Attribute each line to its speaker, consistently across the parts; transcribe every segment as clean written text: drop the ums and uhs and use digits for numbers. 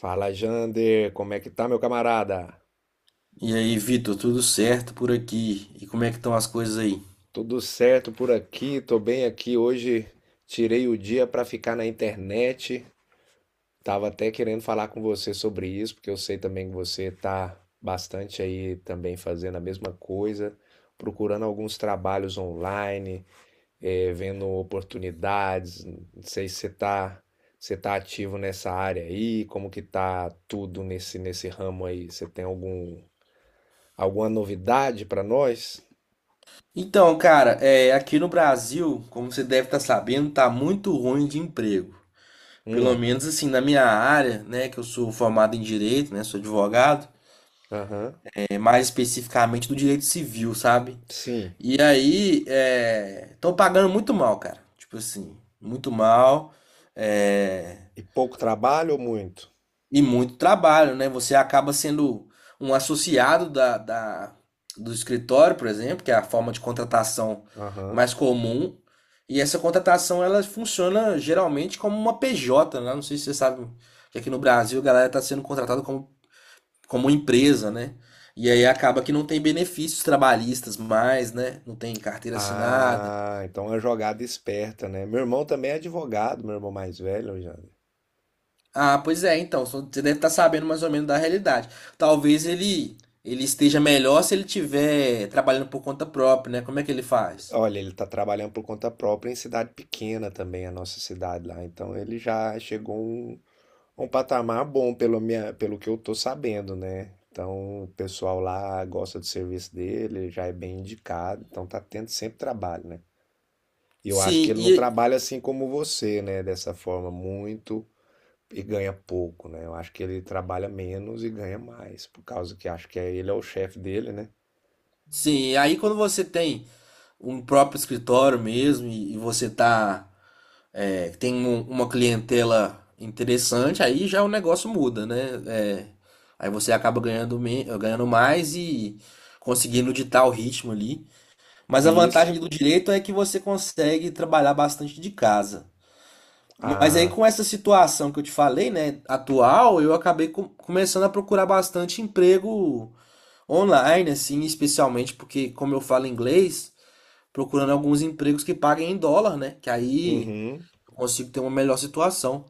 Speaker 1: Fala, Jander, como é que tá, meu camarada?
Speaker 2: E aí, Vitor, tudo certo por aqui? E como é que estão as coisas aí?
Speaker 1: Tudo certo por aqui, tô bem aqui. Hoje tirei o dia pra ficar na internet. Tava até querendo falar com você sobre isso, porque eu sei também que você tá bastante aí também fazendo a mesma coisa, procurando alguns trabalhos online, vendo oportunidades. Não sei se você tá, você tá ativo nessa área aí, como que tá tudo nesse ramo aí? Você tem algum, alguma novidade pra nós?
Speaker 2: Então, cara, aqui no Brasil, como você deve estar sabendo, tá muito ruim de emprego. Pelo
Speaker 1: Hum,
Speaker 2: menos assim, na minha área, né, que eu sou formado em direito, né, sou advogado,
Speaker 1: aham.
Speaker 2: mais especificamente do direito civil, sabe?
Speaker 1: Sim.
Speaker 2: E aí, estão pagando muito mal, cara. Tipo assim, muito mal. É,
Speaker 1: E pouco trabalho ou muito?
Speaker 2: E muito trabalho, né? Você acaba sendo um associado do escritório, por exemplo, que é a forma de contratação
Speaker 1: Aham.
Speaker 2: mais comum. E essa contratação ela funciona geralmente como uma PJ, né? Não sei se você sabe que aqui no Brasil a galera está sendo contratada como empresa, né? E aí acaba que não tem benefícios trabalhistas mais, né? Não tem carteira assinada.
Speaker 1: Ah, então é uma jogada esperta, né? Meu irmão também é advogado, meu irmão mais velho, já.
Speaker 2: Ah, pois é, então, você deve estar sabendo mais ou menos da realidade. Talvez ele esteja melhor se ele estiver trabalhando por conta própria, né? Como é que ele faz?
Speaker 1: Olha, ele tá trabalhando por conta própria em cidade pequena também, a nossa cidade lá. Então ele já chegou a um patamar bom pelo minha, pelo que eu tô sabendo, né? Então o pessoal lá gosta do serviço dele, já é bem indicado, então tá tendo sempre trabalho, né? E eu acho que
Speaker 2: Sim,
Speaker 1: ele não
Speaker 2: e
Speaker 1: trabalha assim como você, né? Dessa forma muito e ganha pouco, né? Eu acho que ele trabalha menos e ganha mais, por causa que acho que é, ele é o chefe dele, né?
Speaker 2: sim, e aí quando você tem um próprio escritório mesmo e você tá tem uma clientela interessante, aí já o negócio muda, né? É, aí você acaba ganhando mais e conseguindo ditar o ritmo ali. Mas a
Speaker 1: E isso.
Speaker 2: vantagem do direito é que você consegue trabalhar bastante de casa. Mas aí,
Speaker 1: Ah,
Speaker 2: com essa situação que eu te falei, né, atual, eu acabei começando a procurar bastante emprego online, assim, especialmente porque, como eu falo inglês, procurando alguns empregos que paguem em dólar, né, que aí
Speaker 1: uhum.
Speaker 2: eu consigo ter uma melhor situação.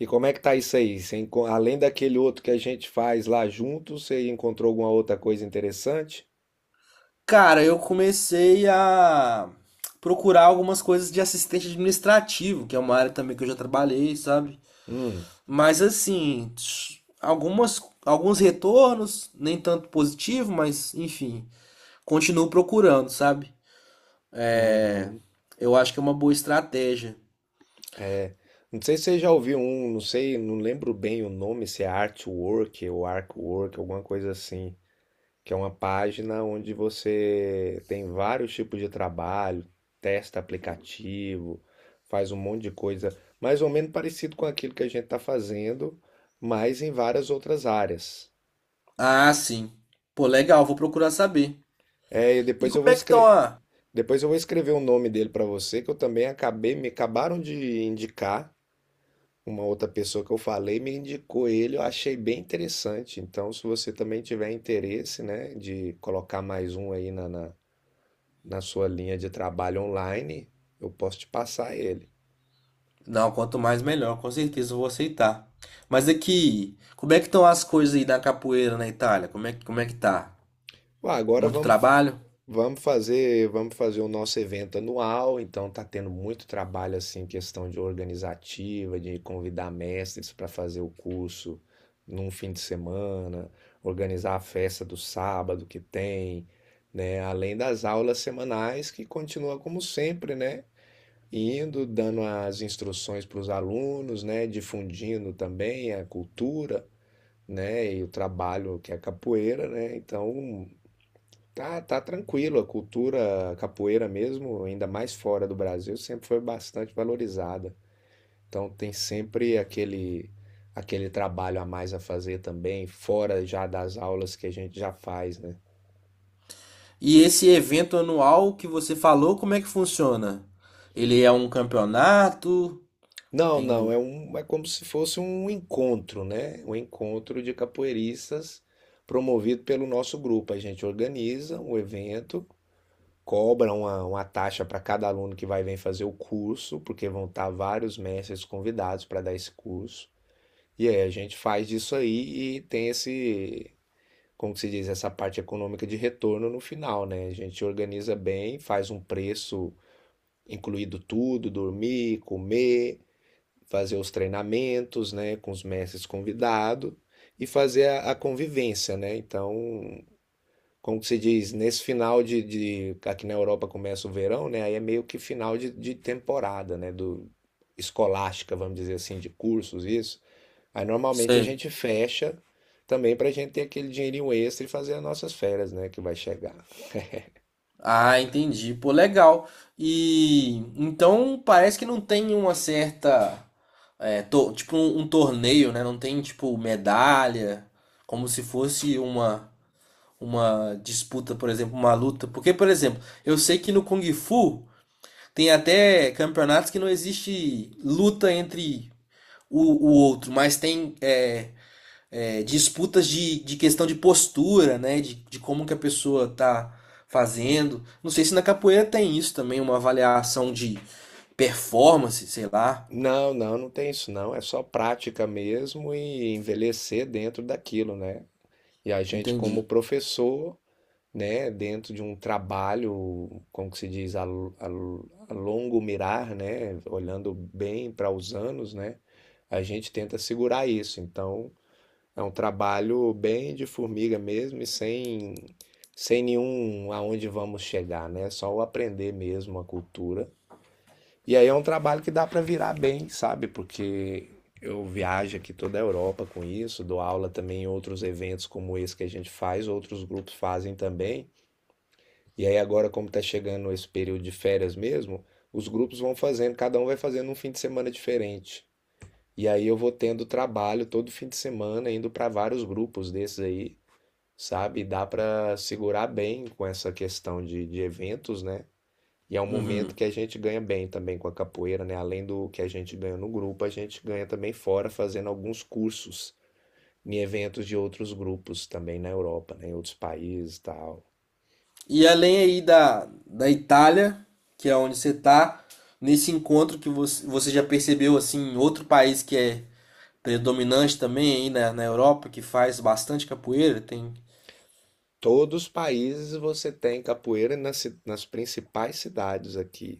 Speaker 1: E como é que tá isso aí? Você enco- além daquele outro que a gente faz lá junto, você encontrou alguma outra coisa interessante?
Speaker 2: Cara, eu comecei a procurar algumas coisas de assistente administrativo, que é uma área também que eu já trabalhei, sabe?
Speaker 1: Hum,
Speaker 2: Mas assim, algumas, alguns retornos, nem tanto positivo, mas enfim. Continuo procurando, sabe? É,
Speaker 1: uhum.
Speaker 2: eu acho que é uma boa estratégia.
Speaker 1: Não sei se você já ouviu um, não sei, não lembro bem o nome, se é Artwork ou Arcwork, alguma coisa assim, que é uma página onde você tem vários tipos de trabalho, testa aplicativo, faz um monte de coisa, mais ou menos parecido com aquilo que a gente está fazendo, mas em várias outras áreas.
Speaker 2: Ah, sim. Pô, legal, vou procurar saber.
Speaker 1: É, e
Speaker 2: E
Speaker 1: depois eu
Speaker 2: como
Speaker 1: vou
Speaker 2: é que estão
Speaker 1: escrever,
Speaker 2: a...
Speaker 1: depois eu vou escrever o nome dele para você, que eu também acabei, me acabaram de indicar uma outra pessoa que eu falei me indicou ele, eu achei bem interessante. Então, se você também tiver interesse, né, de colocar mais um aí na sua linha de trabalho online, eu posso te passar ele.
Speaker 2: Não, quanto mais melhor, com certeza eu vou aceitar. Mas aqui, como é que estão as coisas aí da capoeira na Itália? Como é que tá?
Speaker 1: Ué, agora
Speaker 2: Muito
Speaker 1: vamos,
Speaker 2: trabalho?
Speaker 1: vamos fazer o nosso evento anual, então tá tendo muito trabalho assim, questão de organizativa, de convidar mestres para fazer o curso num fim de semana, organizar a festa do sábado que tem, né? Além das aulas semanais que continua como sempre, né? Indo, dando as instruções para os alunos, né? Difundindo também a cultura, né? E o trabalho que é capoeira, né? Então, tá, tá tranquilo. A cultura capoeira mesmo, ainda mais fora do Brasil, sempre foi bastante valorizada. Então, tem sempre aquele trabalho a mais a fazer também, fora já das aulas que a gente já faz, né?
Speaker 2: E esse evento anual que você falou, como é que funciona? Ele é um campeonato?
Speaker 1: Não,
Speaker 2: Tem
Speaker 1: não,
Speaker 2: um...
Speaker 1: é um, é como se fosse um encontro, né? Um encontro de capoeiristas promovido pelo nosso grupo. A gente organiza um evento, cobra uma taxa para cada aluno que vai vir fazer o curso, porque vão estar vários mestres convidados para dar esse curso. E aí a gente faz isso aí e tem esse, como que se diz, essa parte econômica de retorno no final, né? A gente organiza bem, faz um preço incluído tudo, dormir, comer, fazer os treinamentos, né, com os mestres convidados e fazer a convivência, né? Então, como que se diz, nesse final aqui na Europa começa o verão, né? Aí é meio que final de temporada, né? Do escolástica, vamos dizer assim, de cursos, isso. Aí normalmente a
Speaker 2: Sei.
Speaker 1: gente fecha também para a gente ter aquele dinheirinho extra e fazer as nossas férias, né? Que vai chegar.
Speaker 2: Ah, entendi. Pô, legal. E então parece que não tem uma certa, tipo um torneio, né? Não tem tipo medalha, como se fosse uma disputa, por exemplo, uma luta. Porque, por exemplo, eu sei que no Kung Fu tem até campeonatos que não existe luta entre o, o outro, mas tem disputas de questão de postura, né? De como que a pessoa tá fazendo. Não sei se na capoeira tem isso também, uma avaliação de performance, sei lá.
Speaker 1: Não, não, não tem isso não. É só prática mesmo e envelhecer dentro daquilo, né? E a gente, como
Speaker 2: Entendi.
Speaker 1: professor, né, dentro de um trabalho, como que se diz, a longo mirar, né, olhando bem para os anos, né, a gente tenta segurar isso. Então, é um trabalho bem de formiga mesmo e sem, sem nenhum aonde vamos chegar, né, só o aprender mesmo a cultura. E aí é um trabalho que dá para virar bem, sabe, porque eu viajo aqui toda a Europa com isso, dou aula também em outros eventos como esse que a gente faz, outros grupos fazem também. E aí agora, como está chegando esse período de férias mesmo, os grupos vão fazendo, cada um vai fazendo um fim de semana diferente. E aí eu vou tendo trabalho todo fim de semana, indo para vários grupos desses aí, sabe? Dá para segurar bem com essa questão de eventos, né? E é um momento
Speaker 2: Uhum.
Speaker 1: que a gente ganha bem também com a capoeira, né? Além do que a gente ganha no grupo, a gente ganha também fora fazendo alguns cursos em eventos de outros grupos também na Europa, né? Em outros países e tal.
Speaker 2: E além aí da Itália, que é onde você tá, nesse encontro que você já percebeu, assim, outro país que é predominante também aí na Europa, que faz bastante capoeira, tem...
Speaker 1: Todos os países você tem capoeira nas, ci- nas principais cidades aqui.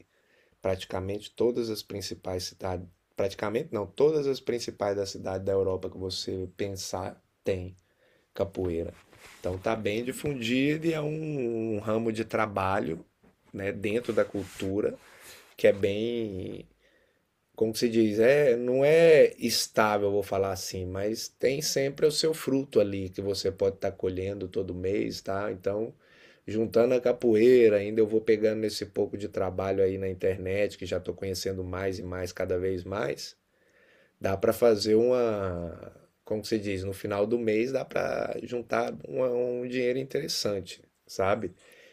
Speaker 1: Praticamente todas as principais cidades. Praticamente não, todas as principais da cidade da Europa que você pensar tem capoeira. Então tá bem difundido e é um, um ramo de trabalho, né, dentro da cultura que é bem, como que se diz, é, não é estável, vou falar assim, mas tem sempre o seu fruto ali que você pode estar colhendo todo mês, tá? Então, juntando a capoeira, ainda eu vou pegando esse pouco de trabalho aí na internet, que já estou conhecendo mais e mais cada vez mais, dá para fazer uma, como que se diz, no final do mês dá para juntar uma- um dinheiro interessante, sabe?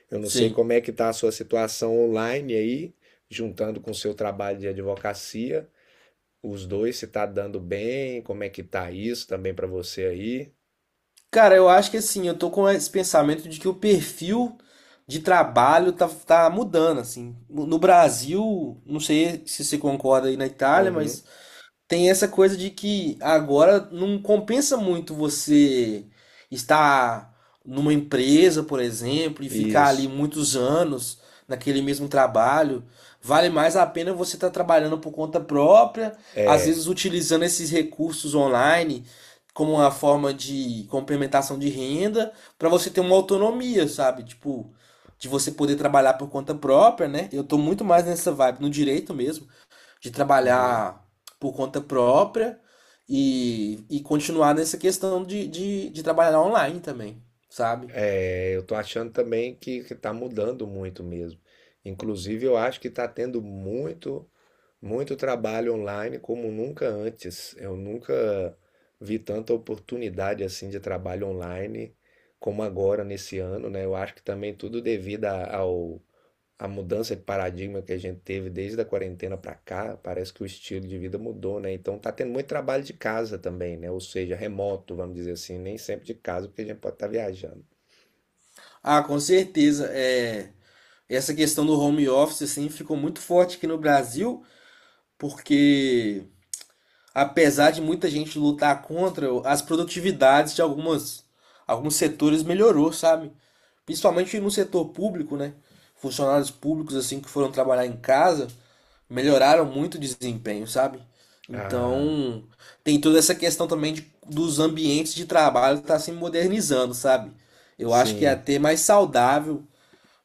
Speaker 1: Eu não sei
Speaker 2: Sim.
Speaker 1: como é que tá a sua situação online aí, juntando com o seu trabalho de advocacia os dois, se tá dando bem, como é que tá isso também pra você aí.
Speaker 2: Cara, eu acho que assim, eu tô com esse pensamento de que o perfil de trabalho tá mudando, assim. No Brasil, não sei se você concorda aí na Itália,
Speaker 1: Uhum.
Speaker 2: mas tem essa coisa de que agora não compensa muito você estar numa empresa, por exemplo, e ficar ali
Speaker 1: Isso.
Speaker 2: muitos anos naquele mesmo trabalho. Vale mais a pena você estar trabalhando por conta própria, às
Speaker 1: É.
Speaker 2: vezes utilizando esses recursos online como uma forma de complementação de renda, para você ter uma autonomia, sabe? Tipo, de você poder trabalhar por conta própria, né? Eu tô muito mais nessa vibe, no direito mesmo de
Speaker 1: Uhum.
Speaker 2: trabalhar por conta própria e continuar nessa questão de trabalhar online também, sabe?
Speaker 1: É, eu tô achando também que tá mudando muito mesmo. Inclusive, eu acho que tá tendo muito, muito trabalho online como nunca antes. Eu nunca vi tanta oportunidade assim de trabalho online como agora nesse ano, né? Eu acho que também tudo devido a- ao a mudança de paradigma que a gente teve desde a quarentena para cá, parece que o estilo de vida mudou, né? Então tá tendo muito trabalho de casa também, né? Ou seja, remoto, vamos dizer assim, nem sempre de casa, porque a gente pode estar viajando.
Speaker 2: Ah, com certeza. É, essa questão do home office assim, ficou muito forte aqui no Brasil, porque apesar de muita gente lutar contra, as produtividades de alguns setores melhorou, sabe? Principalmente no setor público, né? Funcionários públicos assim que foram trabalhar em casa melhoraram muito o desempenho, sabe?
Speaker 1: Ah,
Speaker 2: Então, tem toda essa questão também dos ambientes de trabalho que está se modernizando, sabe? Eu acho que é
Speaker 1: sim.
Speaker 2: até mais saudável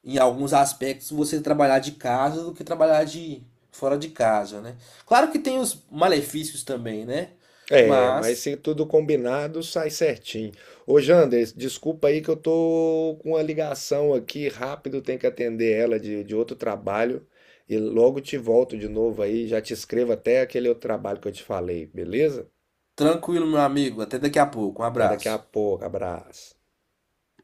Speaker 2: em alguns aspectos você trabalhar de casa do que trabalhar de fora de casa, né? Claro que tem os malefícios também, né?
Speaker 1: É, mas
Speaker 2: Mas
Speaker 1: se tudo combinado, sai certinho. Ô, Jander, desculpa aí que eu tô com uma ligação aqui, rápido, tenho que atender ela de outro trabalho. E logo te volto de novo aí, já te escrevo até aquele outro trabalho que eu te falei, beleza?
Speaker 2: tranquilo, meu amigo, até daqui a pouco. Um
Speaker 1: Até daqui a
Speaker 2: abraço.
Speaker 1: pouco, abraço.